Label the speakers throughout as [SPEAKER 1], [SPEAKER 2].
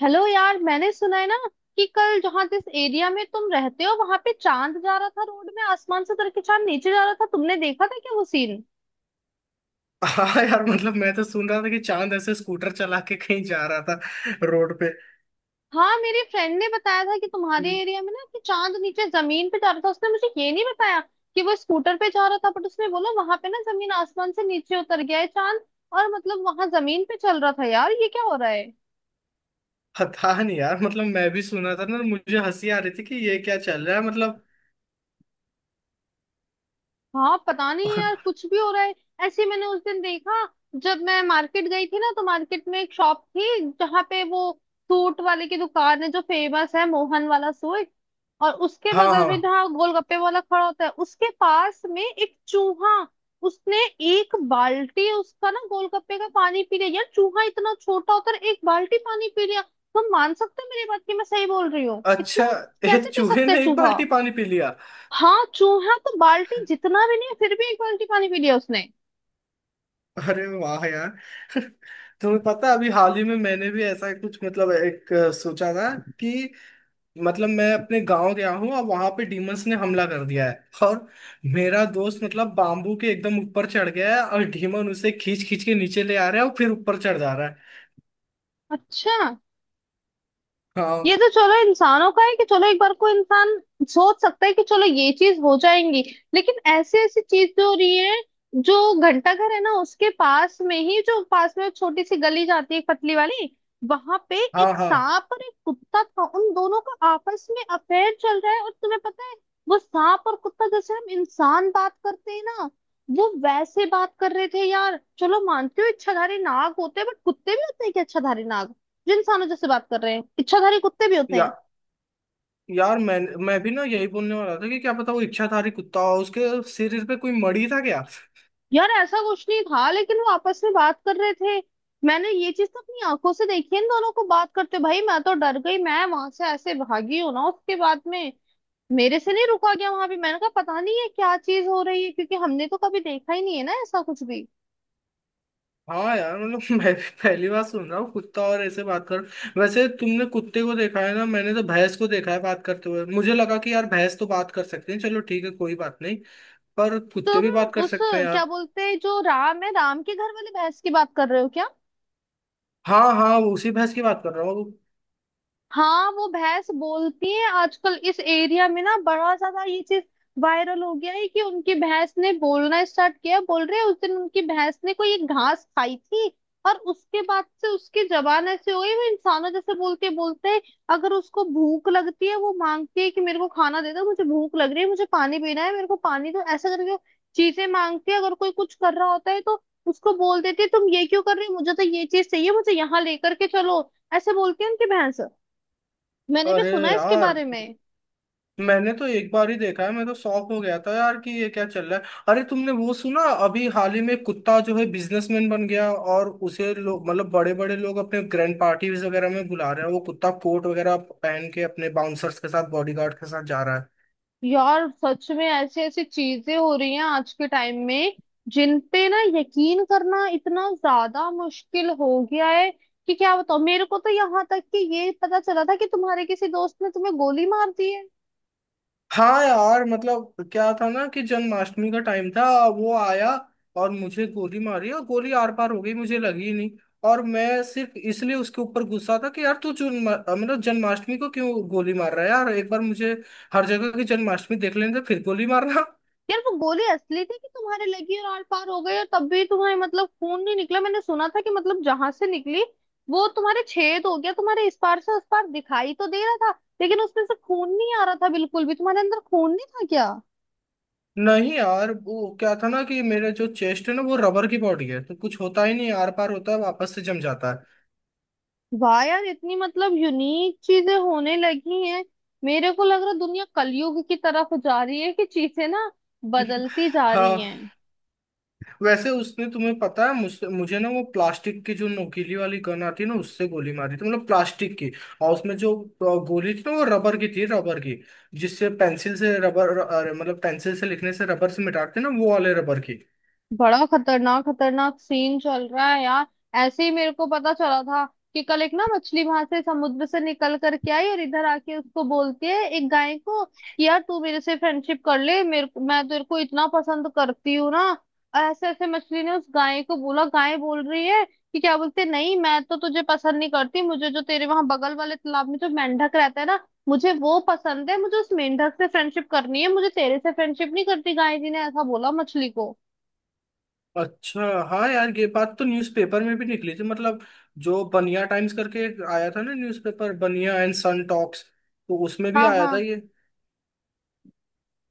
[SPEAKER 1] Hello यार, मैंने सुना है ना कि कल जहाँ जिस एरिया में तुम रहते हो वहां पे चांद जा रहा था। रोड में आसमान से उतर के चांद नीचे जा रहा था, तुमने देखा था क्या वो सीन?
[SPEAKER 2] हाँ यार, मतलब मैं तो सुन रहा था कि चांद ऐसे स्कूटर चला के कहीं जा रहा था रोड पे।
[SPEAKER 1] हाँ, मेरी फ्रेंड ने बताया था कि तुम्हारे एरिया में ना कि चांद नीचे जमीन पे जा रहा था। उसने मुझे ये नहीं बताया कि वो स्कूटर पे जा रहा था, बट उसने बोला वहां पे ना जमीन आसमान से नीचे उतर गया है चांद और मतलब वहां जमीन पे चल रहा था। यार ये क्या हो रहा है।
[SPEAKER 2] पता नहीं यार, मतलब मैं भी सुना था ना, मुझे हंसी आ रही थी कि ये क्या चल रहा है मतलब।
[SPEAKER 1] हाँ पता नहीं यार, कुछ भी हो रहा है। ऐसे ही मैंने उस दिन देखा, जब मैं मार्केट गई थी ना, तो मार्केट में एक शॉप थी जहाँ पे वो सूट वाले की दुकान है जो फेमस है, मोहन वाला सूट। और उसके
[SPEAKER 2] हाँ,
[SPEAKER 1] बगल में
[SPEAKER 2] हाँ।
[SPEAKER 1] जहाँ गोलगप्पे वाला खड़ा होता है, उसके पास में एक चूहा, उसने एक बाल्टी उसका ना गोलगप्पे का पानी पी लिया यार। चूहा इतना छोटा होता है, एक बाल्टी पानी पी लिया। तुम मान सकते हो मेरी बात कि मैं सही बोल रही हूँ,
[SPEAKER 2] अच्छा,
[SPEAKER 1] इतना
[SPEAKER 2] एक
[SPEAKER 1] कैसे पी
[SPEAKER 2] चूहे
[SPEAKER 1] सकता है
[SPEAKER 2] ने एक
[SPEAKER 1] चूहा?
[SPEAKER 2] बाल्टी पानी पी लिया।
[SPEAKER 1] हाँ, चूहा तो बाल्टी जितना भी नहीं, फिर भी एक बाल्टी पानी पी लिया उसने।
[SPEAKER 2] अरे वाह यार। तुम्हें पता है, अभी हाल ही में मैंने भी ऐसा कुछ मतलब एक सोचा था कि मतलब मैं अपने गांव गया हूँ और वहां पे डीमंस ने हमला कर दिया है, और मेरा दोस्त मतलब बाम्बू के एकदम ऊपर चढ़ गया है और डीमन उसे खींच खींच के नीचे ले आ रहा है और फिर ऊपर चढ़ जा रहा है।
[SPEAKER 1] अच्छा, ये
[SPEAKER 2] हाँ,
[SPEAKER 1] तो चलो इंसानों का है कि चलो एक बार को इंसान सोच सकता है कि चलो ये चीज हो जाएंगी, लेकिन ऐसी ऐसी चीज जो हो रही है, जो घंटा घर है ना उसके पास में ही जो पास में छोटी सी गली जाती है एक पतली वाली, वहां पे
[SPEAKER 2] हाँ,
[SPEAKER 1] एक
[SPEAKER 2] हाँ।
[SPEAKER 1] सांप और एक कुत्ता था। उन दोनों का आपस में अफेयर चल रहा है, और तुम्हें पता है वो सांप और कुत्ता जैसे हम इंसान बात करते हैं ना, वो वैसे बात कर रहे थे यार। चलो मानती हूँ इच्छाधारी नाग होते हैं, बट कुत्ते भी होते हैं कि इच्छाधारी नाग जिन इंसानों जैसे बात कर रहे हैं, इच्छाधारी कुत्ते भी होते
[SPEAKER 2] या,
[SPEAKER 1] हैं।
[SPEAKER 2] यार मैं भी ना यही बोलने वाला था कि क्या पता वो इच्छाधारी कुत्ता हो, उसके शरीर पे कोई मड़ी था क्या।
[SPEAKER 1] यार ऐसा कुछ नहीं था, लेकिन वो आपस में बात कर रहे थे। मैंने ये चीज तो अपनी आंखों से देखी है, इन दोनों को बात करते, भाई मैं तो डर गई। मैं वहां से ऐसे भागी हूँ ना उसके बाद में, मेरे से नहीं रुका गया वहां भी। मैंने कहा पता नहीं ये क्या चीज हो रही है, क्योंकि हमने तो कभी देखा ही नहीं है ना ऐसा कुछ भी।
[SPEAKER 2] हाँ यार, मतलब मैं भी पहली बार सुन रहा हूँ कुत्ता और ऐसे बात कर। वैसे तुमने कुत्ते को देखा है ना, मैंने तो भैंस को देखा है बात करते हुए, मुझे लगा कि यार भैंस तो बात कर सकते हैं, चलो ठीक है कोई बात नहीं, पर कुत्ते
[SPEAKER 1] तुम
[SPEAKER 2] भी बात कर
[SPEAKER 1] उस
[SPEAKER 2] सकते हैं
[SPEAKER 1] क्या
[SPEAKER 2] यार।
[SPEAKER 1] बोलते हैं, जो राम है राम के घर वाली भैंस की बात कर रहे हो क्या?
[SPEAKER 2] हाँ हाँ, वो उसी भैंस की बात कर रहा हूँ।
[SPEAKER 1] हाँ, वो भैंस बोलती है आजकल, इस एरिया में ना बड़ा ज्यादा ये चीज वायरल हो गया है कि उनकी भैंस ने बोलना स्टार्ट किया। बोल रहे हैं उस दिन उनकी भैंस ने कोई एक घास खाई थी, और उसके बाद से उसकी जबान ऐसे हो गई, वो इंसानों जैसे बोलते बोलते है। अगर उसको भूख लगती है वो मांगती है कि मेरे को खाना दे दो, मुझे भूख लग रही है, मुझे पानी पीना है, मेरे को पानी दो, ऐसा करके वो चीजें मांगती है। अगर कोई कुछ कर रहा होता है तो उसको बोल देती है तुम ये क्यों कर रही हो, मुझे तो ये चीज चाहिए, मुझे यहाँ लेकर के चलो, ऐसे बोलती है उनकी भैंस। मैंने भी
[SPEAKER 2] अरे
[SPEAKER 1] सुना है इसके
[SPEAKER 2] यार,
[SPEAKER 1] बारे में।
[SPEAKER 2] मैंने तो एक बार ही देखा है, मैं तो शॉक हो गया था यार कि ये क्या चल रहा है। अरे तुमने वो सुना अभी हाल ही में कुत्ता जो है बिजनेसमैन बन गया और उसे लोग मतलब बड़े बड़े लोग अपने ग्रैंड पार्टीज वगैरह में बुला रहे हैं, वो कुत्ता कोट वगैरह पहन के अपने बाउंसर्स के साथ बॉडीगार्ड के साथ जा रहा है।
[SPEAKER 1] यार सच में ऐसी ऐसी चीजें हो रही हैं आज के टाइम में, जिन पे ना यकीन करना इतना ज्यादा मुश्किल हो गया है कि क्या बताओ। मेरे को तो यहाँ तक कि ये पता चला था कि तुम्हारे किसी दोस्त ने तुम्हें गोली मार दी है।
[SPEAKER 2] हाँ यार, मतलब क्या था ना कि जन्माष्टमी का टाइम था, वो आया और मुझे गोली मारी और गोली आर पार हो गई, मुझे लगी ही नहीं। और मैं सिर्फ इसलिए उसके ऊपर गुस्सा था कि यार तू जन्म मतलब जन्माष्टमी को क्यों गोली मार रहा है यार, एक बार मुझे हर जगह की जन्माष्टमी देख लेने दे फिर गोली मारना।
[SPEAKER 1] यार वो गोली असली थी कि तुम्हारे लगी और आर पार हो गई, और तब भी तुम्हें मतलब खून नहीं निकला। मैंने सुना था कि मतलब जहां से निकली वो तुम्हारे छेद हो गया, तुम्हारे इस पार से उस पार दिखाई तो दे रहा था, लेकिन उसमें से खून नहीं आ रहा था बिल्कुल भी। तुम्हारे अंदर खून नहीं था क्या?
[SPEAKER 2] नहीं यार, वो क्या था ना कि मेरा जो चेस्ट है ना वो रबर की बॉडी है, तो कुछ होता ही नहीं, आर पार होता है वापस से जम जाता है।
[SPEAKER 1] वाह यार, इतनी मतलब यूनिक चीजें होने लगी हैं। मेरे को लग रहा है दुनिया कलयुग की तरफ जा रही है कि चीजें ना बदलती जा रही
[SPEAKER 2] हाँ।
[SPEAKER 1] हैं।
[SPEAKER 2] वैसे उसने तुम्हें पता है मुझसे मुझे ना वो प्लास्टिक की जो नोकीली वाली गन आती है ना उससे गोली मारी थी मतलब प्लास्टिक की। और उसमें जो गोली थी ना वो रबर की थी, रबर की, जिससे पेंसिल से रबर अरे मतलब पेंसिल से लिखने से रबर से मिटाते ना वो वाले रबर की।
[SPEAKER 1] बड़ा खतरनाक खतरनाक सीन चल रहा है यार। ऐसे ही मेरे को पता चला था कि कल एक ना मछली वहां से समुद्र से निकल करके आई, और इधर आके उसको बोलती है एक गाय को कि यार तू मेरे से फ्रेंडशिप कर ले, मेरे मैं तेरे को इतना पसंद करती हूँ ना। और ऐसे ऐसे मछली ने उस गाय को बोला। गाय बोल रही है कि क्या बोलते हैं, नहीं मैं तो तुझे पसंद नहीं करती, मुझे जो तेरे वहां बगल वाले तालाब में जो मेंढक रहता है ना, मुझे वो पसंद है, मुझे उस मेंढक से फ्रेंडशिप करनी है, मुझे तेरे से फ्रेंडशिप नहीं करती, गाय जी ने ऐसा बोला मछली को।
[SPEAKER 2] अच्छा हाँ यार, ये बात तो न्यूज़पेपर में भी निकली थी मतलब, जो बनिया टाइम्स करके एक आया था ना newspaper Baniya and son talks, तो उसमें भी
[SPEAKER 1] हाँ
[SPEAKER 2] आया था
[SPEAKER 1] हाँ।
[SPEAKER 2] ये।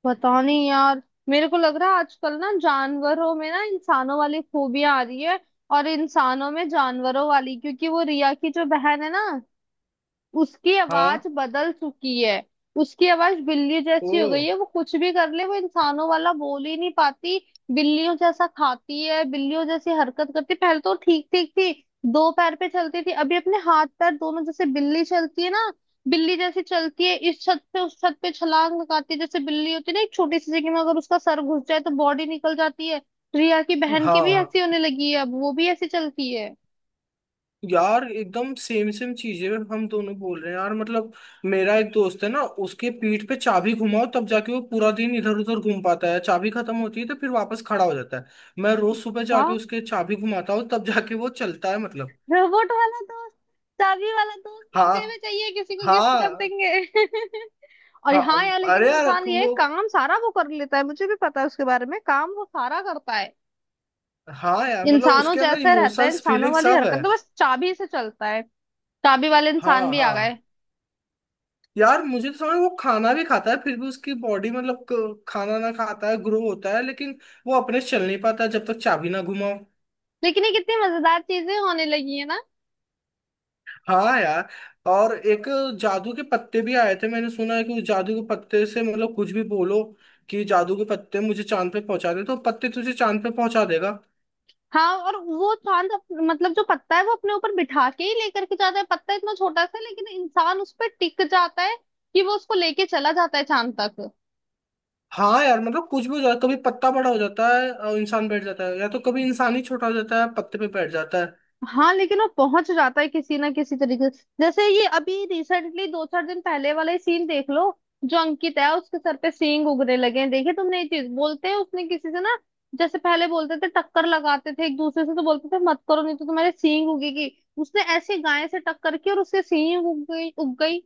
[SPEAKER 1] बताओ नहीं यार, मेरे को लग रहा है आजकल ना जानवरों में ना इंसानों वाली खूबियां आ रही है और इंसानों में जानवरों वाली, क्योंकि वो रिया की जो बहन है ना, उसकी आवाज
[SPEAKER 2] हाँ।
[SPEAKER 1] बदल चुकी है। उसकी आवाज बिल्ली
[SPEAKER 2] ओ।
[SPEAKER 1] जैसी हो गई है, वो कुछ भी कर ले वो इंसानों वाला बोल ही नहीं पाती। बिल्लियों जैसा खाती है, बिल्लियों जैसी हरकत करती, पहले तो ठीक ठीक थी, दो पैर पे चलती थी, अभी अपने हाथ पैर दोनों, जैसे बिल्ली चलती है ना, बिल्ली जैसी चलती है। इस छत पे उस छत पे छलांग लगाती है, जैसे बिल्ली होती है ना, एक छोटी सी जगह में अगर उसका सर घुस जाए तो बॉडी निकल जाती है, रिया की बहन की भी
[SPEAKER 2] हाँ
[SPEAKER 1] ऐसी होने लगी है, अब वो भी ऐसी चलती है।
[SPEAKER 2] यार, एकदम सेम सेम चीजें हम दोनों बोल रहे हैं यार मतलब, मेरा एक दोस्त है ना उसके पीठ पे चाबी घुमाओ तब जाके वो पूरा दिन इधर उधर घूम पाता है, चाबी खत्म होती है तो फिर वापस खड़ा हो जाता है। मैं रोज सुबह
[SPEAKER 1] वाह,
[SPEAKER 2] जाके उसके चाबी घुमाता हूँ तब जाके वो चलता है मतलब।
[SPEAKER 1] रोबोट वाला दोस्त, चाबी वाला दोस्त
[SPEAKER 2] हाँ,
[SPEAKER 1] मुझे भी चाहिए, किसी को गिफ्ट कर
[SPEAKER 2] हाँ,
[SPEAKER 1] देंगे। और
[SPEAKER 2] हाँ।
[SPEAKER 1] हाँ यार, लेकिन
[SPEAKER 2] अरे यार
[SPEAKER 1] इंसान ये
[SPEAKER 2] वो।
[SPEAKER 1] काम सारा वो कर लेता है, मुझे भी पता है उसके बारे में, काम वो सारा करता है,
[SPEAKER 2] हाँ यार, मतलब
[SPEAKER 1] इंसानों
[SPEAKER 2] उसके अंदर
[SPEAKER 1] जैसा रहता है,
[SPEAKER 2] इमोशंस
[SPEAKER 1] इंसानों
[SPEAKER 2] फीलिंग
[SPEAKER 1] वाली
[SPEAKER 2] सब
[SPEAKER 1] हरकत,
[SPEAKER 2] है।
[SPEAKER 1] तो बस चाबी से चलता है। चाबी वाले इंसान
[SPEAKER 2] हाँ
[SPEAKER 1] भी आ गए।
[SPEAKER 2] हाँ, यार मुझे तो समझ वो खाना भी खाता है फिर भी उसकी बॉडी मतलब खाना ना खाता है ग्रो होता है लेकिन वो अपने से चल नहीं पाता जब तक चाबी ना घुमाओ।
[SPEAKER 1] लेकिन ये कितनी मजेदार चीजें होने लगी है ना।
[SPEAKER 2] हाँ यार। और एक जादू के पत्ते भी आए थे, मैंने सुना है कि उस जादू के पत्ते से मतलब कुछ भी बोलो कि जादू के पत्ते मुझे चांद पे पहुंचा दे तो पत्ते तुझे चांद पे पहुंचा देगा।
[SPEAKER 1] हाँ, और वो चांद मतलब, जो पत्ता है वो अपने ऊपर बिठा के ही लेकर के जाता है। पत्ता इतना छोटा सा है, लेकिन इंसान उस पर टिक जाता है कि वो उसको लेके चला जाता है चांद तक।
[SPEAKER 2] हाँ यार, मतलब कुछ भी हो जाता है, कभी पत्ता बड़ा हो जाता है और इंसान बैठ जाता है या तो कभी इंसान ही छोटा हो जाता है पत्ते पे बैठ जाता है।
[SPEAKER 1] हाँ, लेकिन वो पहुंच जाता है किसी ना किसी तरीके से। जैसे ये अभी रिसेंटली दो चार दिन पहले वाला ही सीन देख लो, जो अंकित है उसके सर पे सींग उगने लगे हैं, देखे तुमने ये चीज? बोलते हैं उसने किसी से ना, जैसे पहले बोलते थे टक्कर लगाते थे एक दूसरे से, तो बोलते थे मत करो नहीं तो तुम्हारे सींग उगेगी, उसने ऐसे गाय से टक्कर की और उसके सींग उग गई उग गई।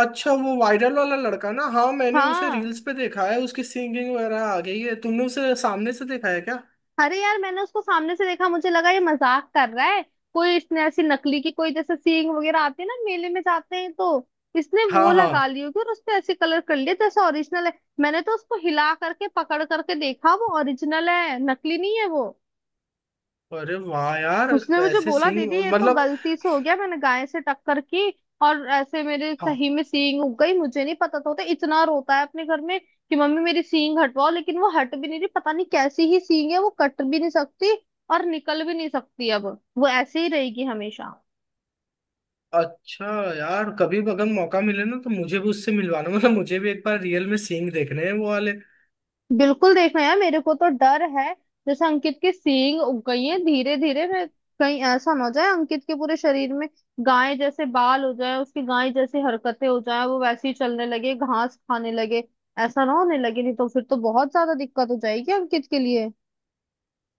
[SPEAKER 2] अच्छा वो वायरल वाला लड़का ना, हाँ मैंने उसे
[SPEAKER 1] हाँ,
[SPEAKER 2] रील्स पे देखा है, उसकी सिंगिंग वगैरह आ गई है, तुमने उसे सामने से देखा है क्या।
[SPEAKER 1] अरे यार मैंने उसको सामने से देखा, मुझे लगा ये मजाक कर रहा है, कोई इसने ऐसी नकली की, कोई जैसे सींग वगैरह आते हैं ना मेले में जाते हैं तो, इसने
[SPEAKER 2] हाँ,
[SPEAKER 1] वो लगा
[SPEAKER 2] हाँ।
[SPEAKER 1] ली होगी और उसने ऐसे कलर कर लिया जैसे ओरिजिनल है। मैंने तो उसको हिला करके पकड़ करके देखा, वो ओरिजिनल है, नकली नहीं है वो।
[SPEAKER 2] अरे वाह यार।
[SPEAKER 1] उसने मुझे
[SPEAKER 2] ऐसे
[SPEAKER 1] बोला
[SPEAKER 2] सिंग
[SPEAKER 1] दीदी ये तो
[SPEAKER 2] मतलब।
[SPEAKER 1] गलती से हो गया, मैंने गाय से टक्कर की और ऐसे मेरे
[SPEAKER 2] हाँ।
[SPEAKER 1] सही में सींग उग गई, मुझे नहीं पता था होता। इतना रोता है अपने घर में कि मम्मी मेरी सींग हटवाओ, लेकिन वो हट भी नहीं रही, पता नहीं कैसी ही सींग है, वो कट भी नहीं सकती और निकल भी नहीं सकती अब। वो ऐसे ही रहेगी हमेशा।
[SPEAKER 2] अच्छा यार, कभी भी अगर मौका मिले ना तो मुझे भी उससे मिलवाना, मतलब मुझे भी एक बार रियल में सिंग देखने हैं वो वाले।
[SPEAKER 1] बिल्कुल देखना यार, मेरे को तो डर है जैसे अंकित की सींग उग गई है धीरे धीरे, मैं कहीं ऐसा ना हो जाए अंकित के पूरे शरीर में गाय जैसे बाल हो जाए, उसकी गाय जैसी हरकतें हो जाए, वो वैसे ही चलने लगे, घास खाने लगे। ऐसा ना होने लगे, नहीं तो फिर तो बहुत ज्यादा दिक्कत हो जाएगी अंकित के लिए।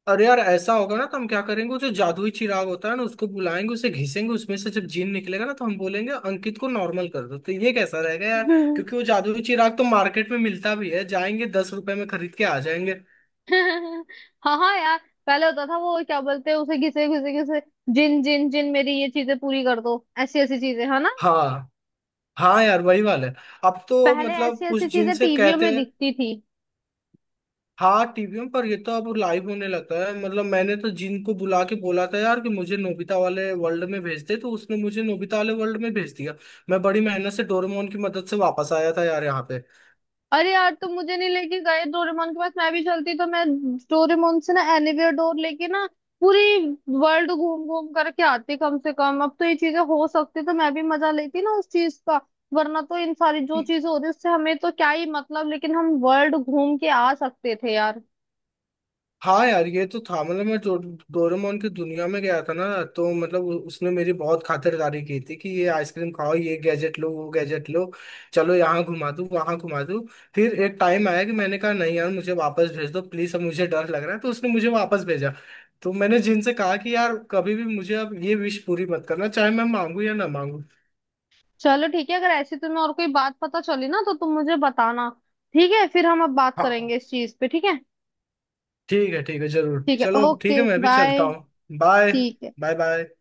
[SPEAKER 2] अरे यार, ऐसा होगा ना तो हम क्या करेंगे, वो जो जादुई चिराग होता है ना उसको बुलाएंगे, उसे घिसेंगे, उसमें से जब जीन निकलेगा ना तो हम बोलेंगे अंकित को नॉर्मल कर दो, तो ये कैसा रहेगा यार। क्योंकि वो जादुई चिराग तो मार्केट में मिलता भी है, जाएंगे 10 रुपए में खरीद के आ जाएंगे।
[SPEAKER 1] हाँ हाँ यार। पहले होता था वो क्या बोलते हैं, उसे घिसे घिसे घिसे, जिन जिन जिन मेरी ये चीजें पूरी कर दो, ऐसी ऐसी चीजें है ना।
[SPEAKER 2] हाँ हाँ यार, वही वाला है, अब तो
[SPEAKER 1] पहले ऐसी
[SPEAKER 2] मतलब उस
[SPEAKER 1] ऐसी
[SPEAKER 2] जिन
[SPEAKER 1] चीजें
[SPEAKER 2] से
[SPEAKER 1] टीवियों में
[SPEAKER 2] कहते हैं।
[SPEAKER 1] दिखती थी।
[SPEAKER 2] हाँ टीवी में, पर ये तो अब लाइव होने लगा है मतलब, मैंने तो जिन को बुला के बोला था यार कि मुझे नोबिता वाले वर्ल्ड में भेज दे, तो उसने मुझे नोबिता वाले वर्ल्ड में भेज दिया। मैं बड़ी मेहनत से डोरेमोन की मदद से वापस आया था यार यहाँ पे।
[SPEAKER 1] अरे यार, तुम मुझे नहीं लेके गए डोरेमोन के पास, मैं भी चलती, तो मैं डोरेमोन से ना एनीवेयर डोर लेके ना पूरी वर्ल्ड घूम घूम करके आती। कम से कम अब तो ये चीजें हो सकती, तो मैं भी मजा लेती ना उस चीज का। वरना तो इन सारी जो चीजें हो रही है, उससे हमें तो क्या ही मतलब, लेकिन हम वर्ल्ड घूम के आ सकते थे यार।
[SPEAKER 2] हाँ यार, ये तो था मतलब मैं डोरेमोन की दुनिया में गया था ना, तो मतलब उसने मेरी बहुत खातिरदारी की थी कि ये आइसक्रीम खाओ ये गैजेट लो वो गैजेट लो, चलो यहाँ घुमा दूँ वहाँ घुमा दूँ। फिर एक टाइम आया कि मैंने कहा नहीं यार मुझे वापस भेज दो प्लीज़, अब मुझे डर लग रहा है, तो उसने मुझे वापस भेजा। तो मैंने जिनसे कहा कि यार कभी भी मुझे अब ये विश पूरी मत करना, चाहे मैं मांगू या ना मांगू।
[SPEAKER 1] चलो ठीक है, अगर ऐसी तुम्हें और कोई बात पता चली ना तो तुम मुझे बताना, ठीक है? फिर हम अब बात
[SPEAKER 2] हाँ,
[SPEAKER 1] करेंगे इस चीज पे, ठीक है।
[SPEAKER 2] ठीक है, ठीक है, जरूर,
[SPEAKER 1] ठीक है,
[SPEAKER 2] चलो ठीक
[SPEAKER 1] ओके,
[SPEAKER 2] है, मैं भी चलता
[SPEAKER 1] बाय।
[SPEAKER 2] हूँ, बाय,
[SPEAKER 1] ठीक है।
[SPEAKER 2] Bye, bye.